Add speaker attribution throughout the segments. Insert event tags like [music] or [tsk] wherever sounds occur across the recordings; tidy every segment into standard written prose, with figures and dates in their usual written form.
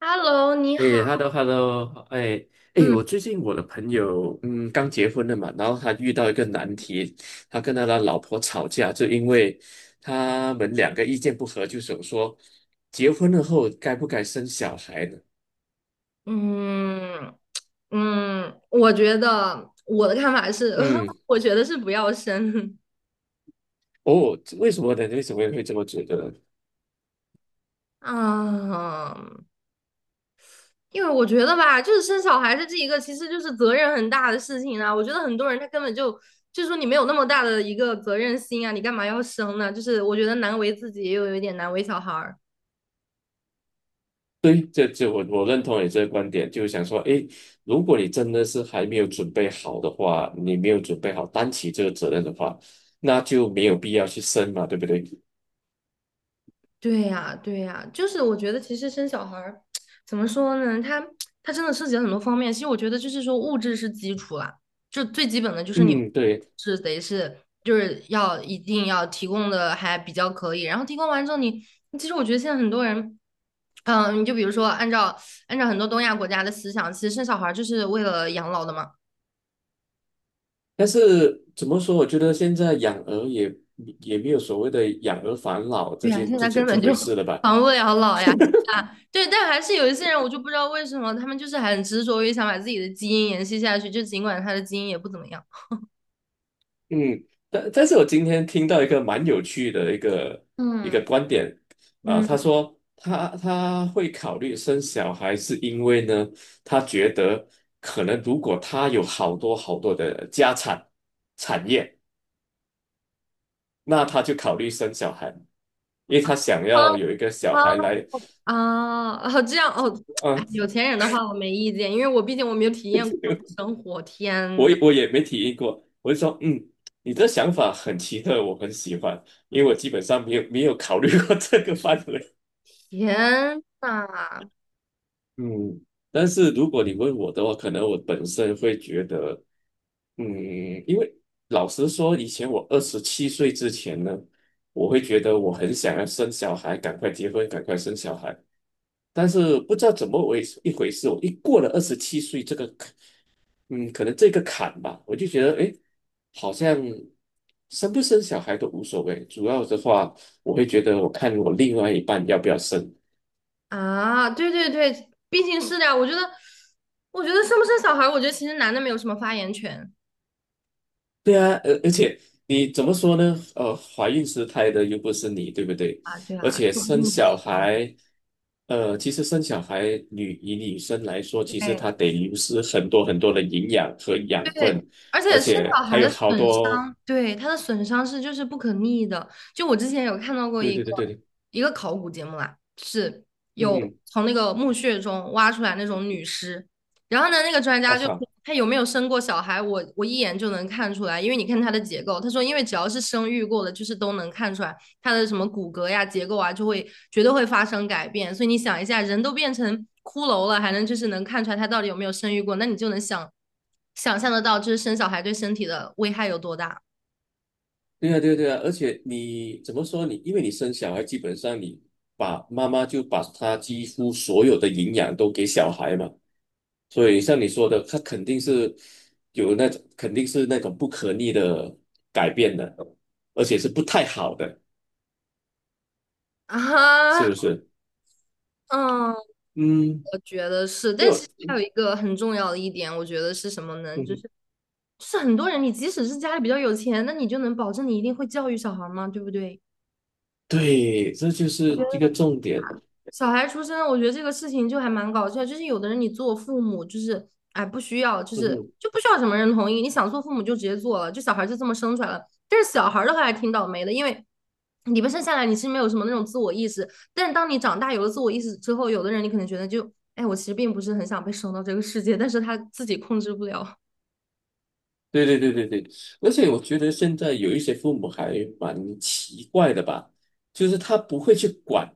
Speaker 1: Hello，你好。
Speaker 2: 诶，hello，hello，哎，哎，
Speaker 1: 嗯
Speaker 2: 我最近我的朋友，刚结婚了嘛，然后他遇到一个难题，他跟他的老婆吵架，就因为他们两个意见不合，就想说，结婚了后该不该生小孩呢？
Speaker 1: 嗯嗯，我觉得我的看法是，
Speaker 2: 嗯，
Speaker 1: [laughs] 我觉得是不要生。
Speaker 2: 哦，为什么呢？为什么会这么觉得呢？
Speaker 1: 嗯，因为我觉得吧，就是生小孩子这是一个，其实就是责任很大的事情啊。我觉得很多人他根本就就是说你没有那么大的一个责任心啊，你干嘛要生呢？就是我觉得难为自己，又有一点难为小孩儿。
Speaker 2: 对，这我认同你这个观点，就是想说，诶，如果你真的是还没有准备好的话，你没有准备好担起这个责任的话，那就没有必要去生嘛，对不对？
Speaker 1: 对呀，对呀，就是我觉得其实生小孩儿 [tsk] 怎么说呢？他真的涉及了很多方面。其实我觉得就是说物质是基础啦，就最基本的就是你
Speaker 2: 嗯，对。
Speaker 1: 是得是就是要一定要提供的还比较可以。然后提供完之后你，其实我觉得现在很多人，嗯，你就比如说按照很多东亚国家的思想，其实生小孩儿就是为了养老的嘛。
Speaker 2: 但是怎么说？我觉得现在养儿也没有所谓的养儿防老
Speaker 1: [laughs]
Speaker 2: 这
Speaker 1: 对呀，
Speaker 2: 件
Speaker 1: 现
Speaker 2: 这
Speaker 1: 在根
Speaker 2: 件这
Speaker 1: 本
Speaker 2: 回
Speaker 1: 就
Speaker 2: 事了
Speaker 1: [laughs]
Speaker 2: 吧？
Speaker 1: 防不了老呀，是啊，对，但还是有一些人，我就不知道为什么他们就是很执着于想把自己的基因延续下去，就尽管他的基因也不怎么样。
Speaker 2: 嗯，但是我今天听到一个蛮有趣的一个
Speaker 1: 嗯，
Speaker 2: 观点啊，
Speaker 1: 嗯，
Speaker 2: 他说他会考虑生小孩，是因为呢，他觉得可能如果他有好多好多的产业，那他就考虑生小孩，因为他想
Speaker 1: 啊
Speaker 2: 要有一个小
Speaker 1: 啊
Speaker 2: 孩来，
Speaker 1: 啊！哦这样哦，哎，
Speaker 2: 啊，
Speaker 1: 有钱人的话我没意见，因为我毕竟我没有体验过那
Speaker 2: [laughs]
Speaker 1: 种生活。天
Speaker 2: 我
Speaker 1: 呐，
Speaker 2: 也我也没体验过，我就说，你的想法很奇特，我很喜欢，因为我基本上没有考虑过 [laughs] 这个范围。
Speaker 1: 天呐，
Speaker 2: 嗯 [laughs] 但是如果你问我的话，可能我本身会觉得，嗯，因为老实说，以前我二十七岁之前呢，我会觉得我很想要生小孩，赶快结婚，赶快生小孩。但是不知道怎么回一回事，我一过了二十七岁这个嗯，可能这个坎吧，我就觉得，哎，好像生不生小孩都无所谓，主要的话，我会觉得，我看我另外一半要不要生。
Speaker 1: 啊，对对对，毕竟是的呀。我觉得，我觉得生不生小孩，我觉得其实男的没有什么发言权
Speaker 2: 对啊，而且你怎么说呢？怀孕时胎的又不是你，对不对？
Speaker 1: 啊。对
Speaker 2: 而
Speaker 1: 啊，
Speaker 2: 且
Speaker 1: 又不是
Speaker 2: 生
Speaker 1: 你
Speaker 2: 小
Speaker 1: 生。
Speaker 2: 孩，其实生小孩女生来说，其实她
Speaker 1: 对。
Speaker 2: 得流失很多很多的营养和养
Speaker 1: 对，
Speaker 2: 分，
Speaker 1: 而
Speaker 2: 而
Speaker 1: 且生
Speaker 2: 且
Speaker 1: 小
Speaker 2: 还
Speaker 1: 孩
Speaker 2: 有
Speaker 1: 的
Speaker 2: 好
Speaker 1: 损
Speaker 2: 多，
Speaker 1: 伤，对，它的损伤是就是不可逆的。就我之前有看到过
Speaker 2: 对
Speaker 1: 一
Speaker 2: 对
Speaker 1: 个
Speaker 2: 对对对，
Speaker 1: 考古节目啦，是
Speaker 2: 嗯
Speaker 1: 有
Speaker 2: 哼，
Speaker 1: 从那个墓穴中挖出来那种女尸，然后呢，那个专
Speaker 2: 啊
Speaker 1: 家就说
Speaker 2: 哈。
Speaker 1: 她有没有生过小孩，我一眼就能看出来，因为你看她的结构，他说因为只要是生育过的，就是都能看出来。它的什么骨骼呀、结构啊，就会绝对会发生改变。所以你想一下，人都变成骷髅了，还能就是能看出来他到底有没有生育过，那你就能想想象得到，就是生小孩对身体的危害有多大
Speaker 2: 对啊，对啊，对啊，而且你怎么说你，因为你生小孩，基本上你把妈妈就把她几乎所有的营养都给小孩嘛，所以像你说的，她肯定是有那种，肯定是那种不可逆的改变的，而且是不太好的，是不
Speaker 1: 啊？
Speaker 2: 是？
Speaker 1: 嗯，
Speaker 2: 嗯，
Speaker 1: 我觉得是，
Speaker 2: 因为
Speaker 1: 但是
Speaker 2: 我
Speaker 1: 还有一个很重要的一点，我觉得是什么呢？
Speaker 2: 嗯
Speaker 1: 就是
Speaker 2: 哼，
Speaker 1: 就是很多人，你即使是家里比较有钱，那你就能保证你一定会教育小孩吗？对不对？
Speaker 2: 对，这就是一个重点。
Speaker 1: 小孩出生，我觉得这个事情就还蛮搞笑。就是有的人你做父母，就是哎不需要，就
Speaker 2: 嗯
Speaker 1: 是
Speaker 2: 哼，
Speaker 1: 就不需要什么人同意，你想做父母就直接做了，就小孩就这么生出来了。但是小孩的话还挺倒霉的，因为你不生下来你是没有什么那种自我意识，但是当你长大有了自我意识之后，有的人你可能觉得就哎我其实并不是很想被生到这个世界，但是他自己控制不了。
Speaker 2: 对对对对对，而且我觉得现在有一些父母还蛮奇怪的吧。就是他不会去管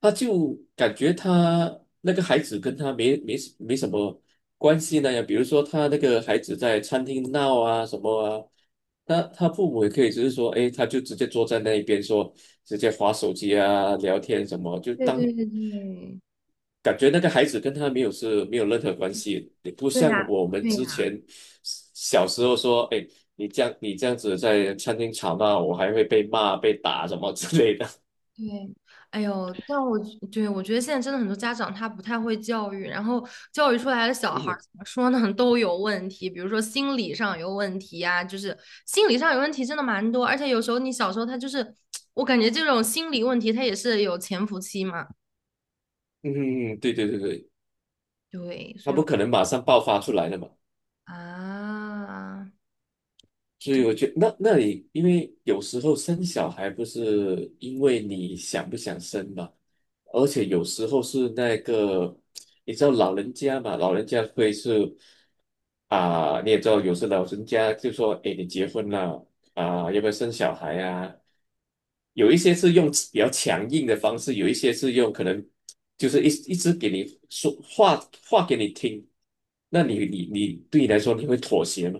Speaker 2: 他就感觉他那个孩子跟他没什么关系那样，比如说他那个孩子在餐厅闹啊什么啊，他父母也可以只是说，哎，他就直接坐在那一边说，直接划手机啊，聊天什么，就
Speaker 1: 对
Speaker 2: 当
Speaker 1: 对对对，
Speaker 2: 感觉那个孩子跟他没有任何关系，也不
Speaker 1: 对
Speaker 2: 像
Speaker 1: 呀，
Speaker 2: 我们
Speaker 1: 对
Speaker 2: 之
Speaker 1: 呀。
Speaker 2: 前小时候说，哎，你这样子在餐厅吵闹，我还会被骂被打什么之类的。
Speaker 1: 对，哎呦，但我对我觉得现在真的很多家长他不太会教育，然后教育出来的
Speaker 2: [laughs]
Speaker 1: 小孩儿
Speaker 2: 嗯
Speaker 1: 怎么说呢，[laughs] 都有问题，比如说心理上有问题呀、就是心理上有问题真的蛮多，而且有时候你小时候他就是，[tsk] 我感觉这种心理问题他也是有潜伏期嘛，
Speaker 2: 嗯，嗯对对对对。
Speaker 1: 对，
Speaker 2: 他
Speaker 1: 所以
Speaker 2: 不
Speaker 1: 我
Speaker 2: 可能马上爆发出来的嘛。
Speaker 1: 啊。
Speaker 2: 所以我觉得那里，因为有时候生小孩不是因为你想不想生嘛，而且有时候是那个，你知道老人家嘛，老人家会是。啊，你也知道，有时老人家就说：“哎，你结婚了啊，要不要生小孩啊？”有一些是用比较强硬的方式，有一些是用可能就是一直给你说话给你听。那你你你对你来说，你会妥协吗？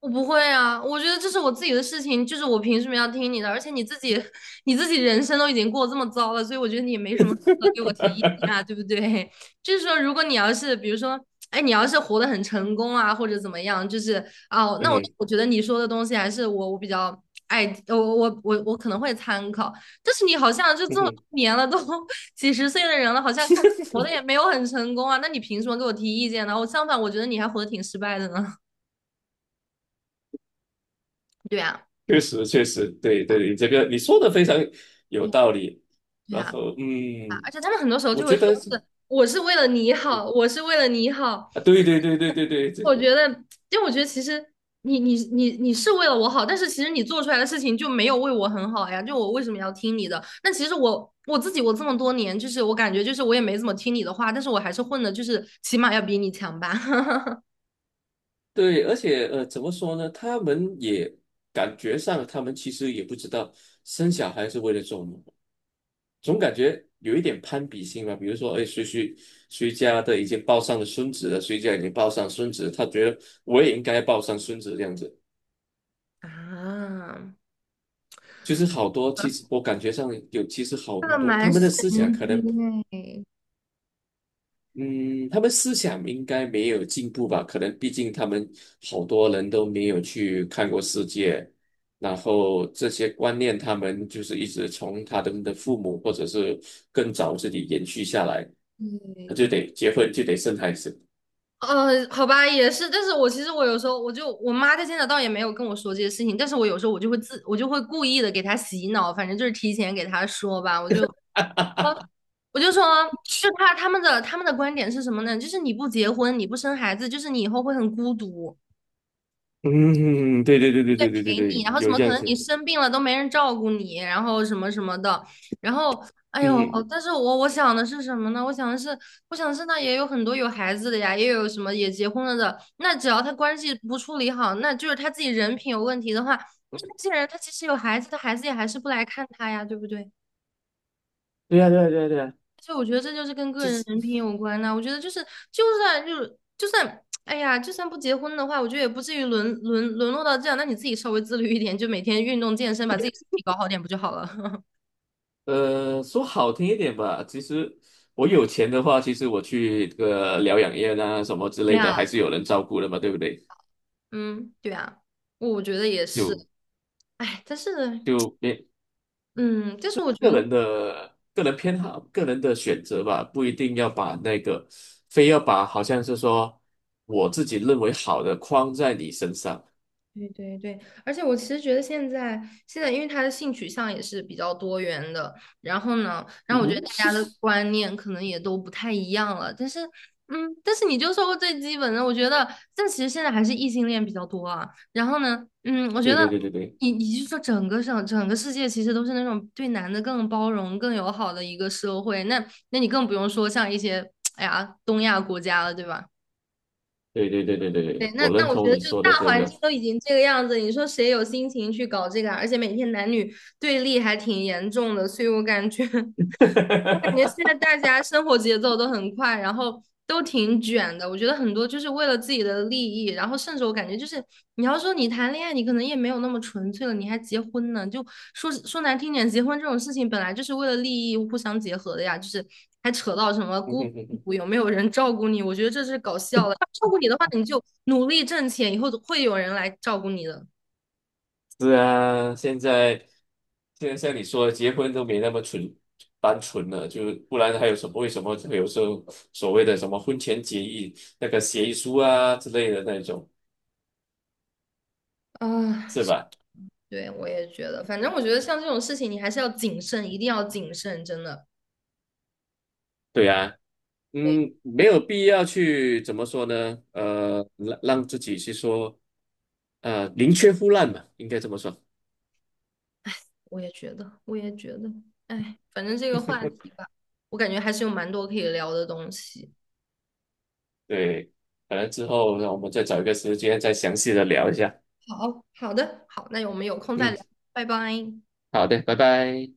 Speaker 1: 我不会啊，我觉得这是我自己的事情，就是我凭什么要听你的？而且你自己，[laughs] 你自己人生都已经过这么糟了，所以我觉得你也没什么资格给我提意
Speaker 2: [laughs]
Speaker 1: 见啊，对不对？[laughs] 就是说，如果你要是，比如说，哎，你要是活得很成功啊，或者怎么样，就是哦，
Speaker 2: 嗯
Speaker 1: 那我
Speaker 2: 哼
Speaker 1: 我觉得你说的东西还是我比较爱，我可能会参考。但是你好像就这
Speaker 2: 嗯
Speaker 1: 么多
Speaker 2: 哼
Speaker 1: 年了，都 [laughs] 几十岁的人了，好像看活的也
Speaker 2: [laughs]
Speaker 1: 没有很成功啊，那你凭什么给我提意见呢？我相反，我觉得你还活得挺失败的呢。[laughs] 对啊，
Speaker 2: 确实确实，对对，你这个你说的非常有道理。
Speaker 1: 对
Speaker 2: 然
Speaker 1: 啊。
Speaker 2: 后
Speaker 1: 啊，而且他们很多时候
Speaker 2: 我
Speaker 1: 就会
Speaker 2: 觉
Speaker 1: 说
Speaker 2: 得是
Speaker 1: 是我是为了你好，我是为了你好。
Speaker 2: 啊，对对对对对
Speaker 1: 我
Speaker 2: 对，
Speaker 1: 觉得，因为我觉得其实你是为了我好，但是其实你做出来的事情就没有为我很好呀。就我为什么要听你的？但其实我我自己我这么多年，就是我感觉就是我也没怎么听你的话，但是我还是混的，就是起码要比你强吧。
Speaker 2: 对，而且怎么说呢？他们也感觉上，他们其实也不知道生小孩是为了做什么，总感觉有一点攀比心吧。比如说，哎，谁家的已经抱上了孙子了，谁家已经抱上孙子了，他觉得我也应该抱上孙子这样子。
Speaker 1: [laughs]
Speaker 2: 就是好多，
Speaker 1: 啊，
Speaker 2: 其实我感觉上有，其实好
Speaker 1: 这个
Speaker 2: 多，他
Speaker 1: 蛮
Speaker 2: 们的
Speaker 1: 神
Speaker 2: 思想可能
Speaker 1: 经哎，
Speaker 2: 嗯，他们思想应该没有进步吧？可能毕竟他们好多人都没有去看过世界，然后这些观念他们就是一直从他们的父母或者是更早自己延续下来，他就
Speaker 1: 对，
Speaker 2: 得结婚就得生孩子。
Speaker 1: 好吧，也是，但是我其实我有时候我就我妈她现在倒也没有跟我说这些事情，但是我有时候我就会自我就会故意的给她洗脑，反正就是提前给她说吧，我就
Speaker 2: [laughs]
Speaker 1: 我我就说，就她他们的他们的观点是什么呢？就是你不结婚，你不生孩子，就是你以后会很孤独。
Speaker 2: 嗯，对对对对
Speaker 1: 对
Speaker 2: 对对对
Speaker 1: 陪你，
Speaker 2: 对，
Speaker 1: 然后怎
Speaker 2: 有
Speaker 1: 么
Speaker 2: 这
Speaker 1: 可
Speaker 2: 样
Speaker 1: 能你
Speaker 2: 子。
Speaker 1: 生病了都没人照顾你，然后什么什么的，然后哎呦，
Speaker 2: 嗯，
Speaker 1: 但是我我想的是什么呢？我想的是，我想的是那也有很多有孩子的呀，也有什么也结婚了的，那只要他关系不处理好，那就是他自己人品有问题的话，那这些人他其实有孩子，他孩子也还是不来看他呀，对不对？
Speaker 2: 对呀对呀对呀对呀，
Speaker 1: 就我觉得这就是跟个
Speaker 2: 就
Speaker 1: 人
Speaker 2: 是。
Speaker 1: 人品有关呐、我觉得就是，就算就是就算，哎呀，就算不结婚的话，我觉得也不至于沦落到这样。那你自己稍微自律一点，就每天运动健身，把自己身体搞好点不就好了？[laughs]
Speaker 2: 说好听一点吧，其实我有钱的话，其实我去这个疗养院啊什么之
Speaker 1: 对
Speaker 2: 类的，
Speaker 1: 呀，
Speaker 2: 还是有人照顾的嘛，对不对？
Speaker 1: [laughs] 嗯，对呀，我觉得也是。
Speaker 2: 就
Speaker 1: 哎，但是，
Speaker 2: 就别
Speaker 1: 嗯，但是我觉
Speaker 2: 个
Speaker 1: 得。
Speaker 2: 人的个人偏好、个人的选择吧，不一定要把那个非要把好像是说我自己认为好的框在你身上。
Speaker 1: 对对对，而且我其实觉得现在，因为他的性取向也是比较多元的，然后呢，然后
Speaker 2: 嗯
Speaker 1: 我觉得
Speaker 2: 哼
Speaker 1: 大家的观念可能也都不太一样了，但是，嗯，但是你就说过最基本的，我觉得，但其实现在还是异性恋比较多啊。然后呢，嗯，我觉
Speaker 2: 对
Speaker 1: 得
Speaker 2: 对对对
Speaker 1: 你你就说整个世界其实都是那种对男的更包容、更友好的一个社会，那那你更不用说像一些哎呀东亚国家了，对吧？
Speaker 2: 对对对对对对
Speaker 1: 对，
Speaker 2: 对，
Speaker 1: 那
Speaker 2: 我
Speaker 1: 那
Speaker 2: 认
Speaker 1: 我觉
Speaker 2: 同
Speaker 1: 得
Speaker 2: 你
Speaker 1: 就
Speaker 2: 说
Speaker 1: 大
Speaker 2: 的这
Speaker 1: 环
Speaker 2: 个。
Speaker 1: 境都已经这个样子，你说谁有心情去搞这个啊而且每天男女对立还挺严重的，所以我感觉 [laughs]
Speaker 2: [laughs]
Speaker 1: 我感觉现在大家生活节奏都很快，然后都挺卷的。我觉得很多就是为了自己的利益，然后甚至我感觉就是，你要说你谈恋爱，你可能也没有那么纯粹了，你还结婚呢？就说说难听点，结婚这种事情本来就是为了利益互相结合的呀，就是还扯到什么
Speaker 2: 嗯
Speaker 1: 孤
Speaker 2: 哼哼哼
Speaker 1: 独有没有人照顾你？我觉得这是搞笑了。照顾你的话，你就努力挣钱，以后会有人来照顾你的。
Speaker 2: 是啊，现在像你说的，结婚都没那么单纯了，就不然还有什么？为什么会有时候所谓的什么婚前协议、那个协议书啊之类的那种，
Speaker 1: 啊，
Speaker 2: 是吧？
Speaker 1: 对，我也觉得，反正我觉得像这种事情，你还是要谨慎，一定要谨慎，真的。
Speaker 2: 对啊，
Speaker 1: 对，
Speaker 2: 没
Speaker 1: 哦，
Speaker 2: 有必要去怎么说呢？让自己去说，宁缺毋滥嘛，应该这么说
Speaker 1: 我也觉得，我也觉得，哎，反正这个话题
Speaker 2: [laughs]。
Speaker 1: 吧，我感觉还是有蛮多可以聊的东西。
Speaker 2: 对，可能之后让我们再找一个时间再详细的聊一下。
Speaker 1: 好，好的，好，那我们有空再
Speaker 2: 嗯，
Speaker 1: 聊，拜拜。
Speaker 2: 好的，拜拜。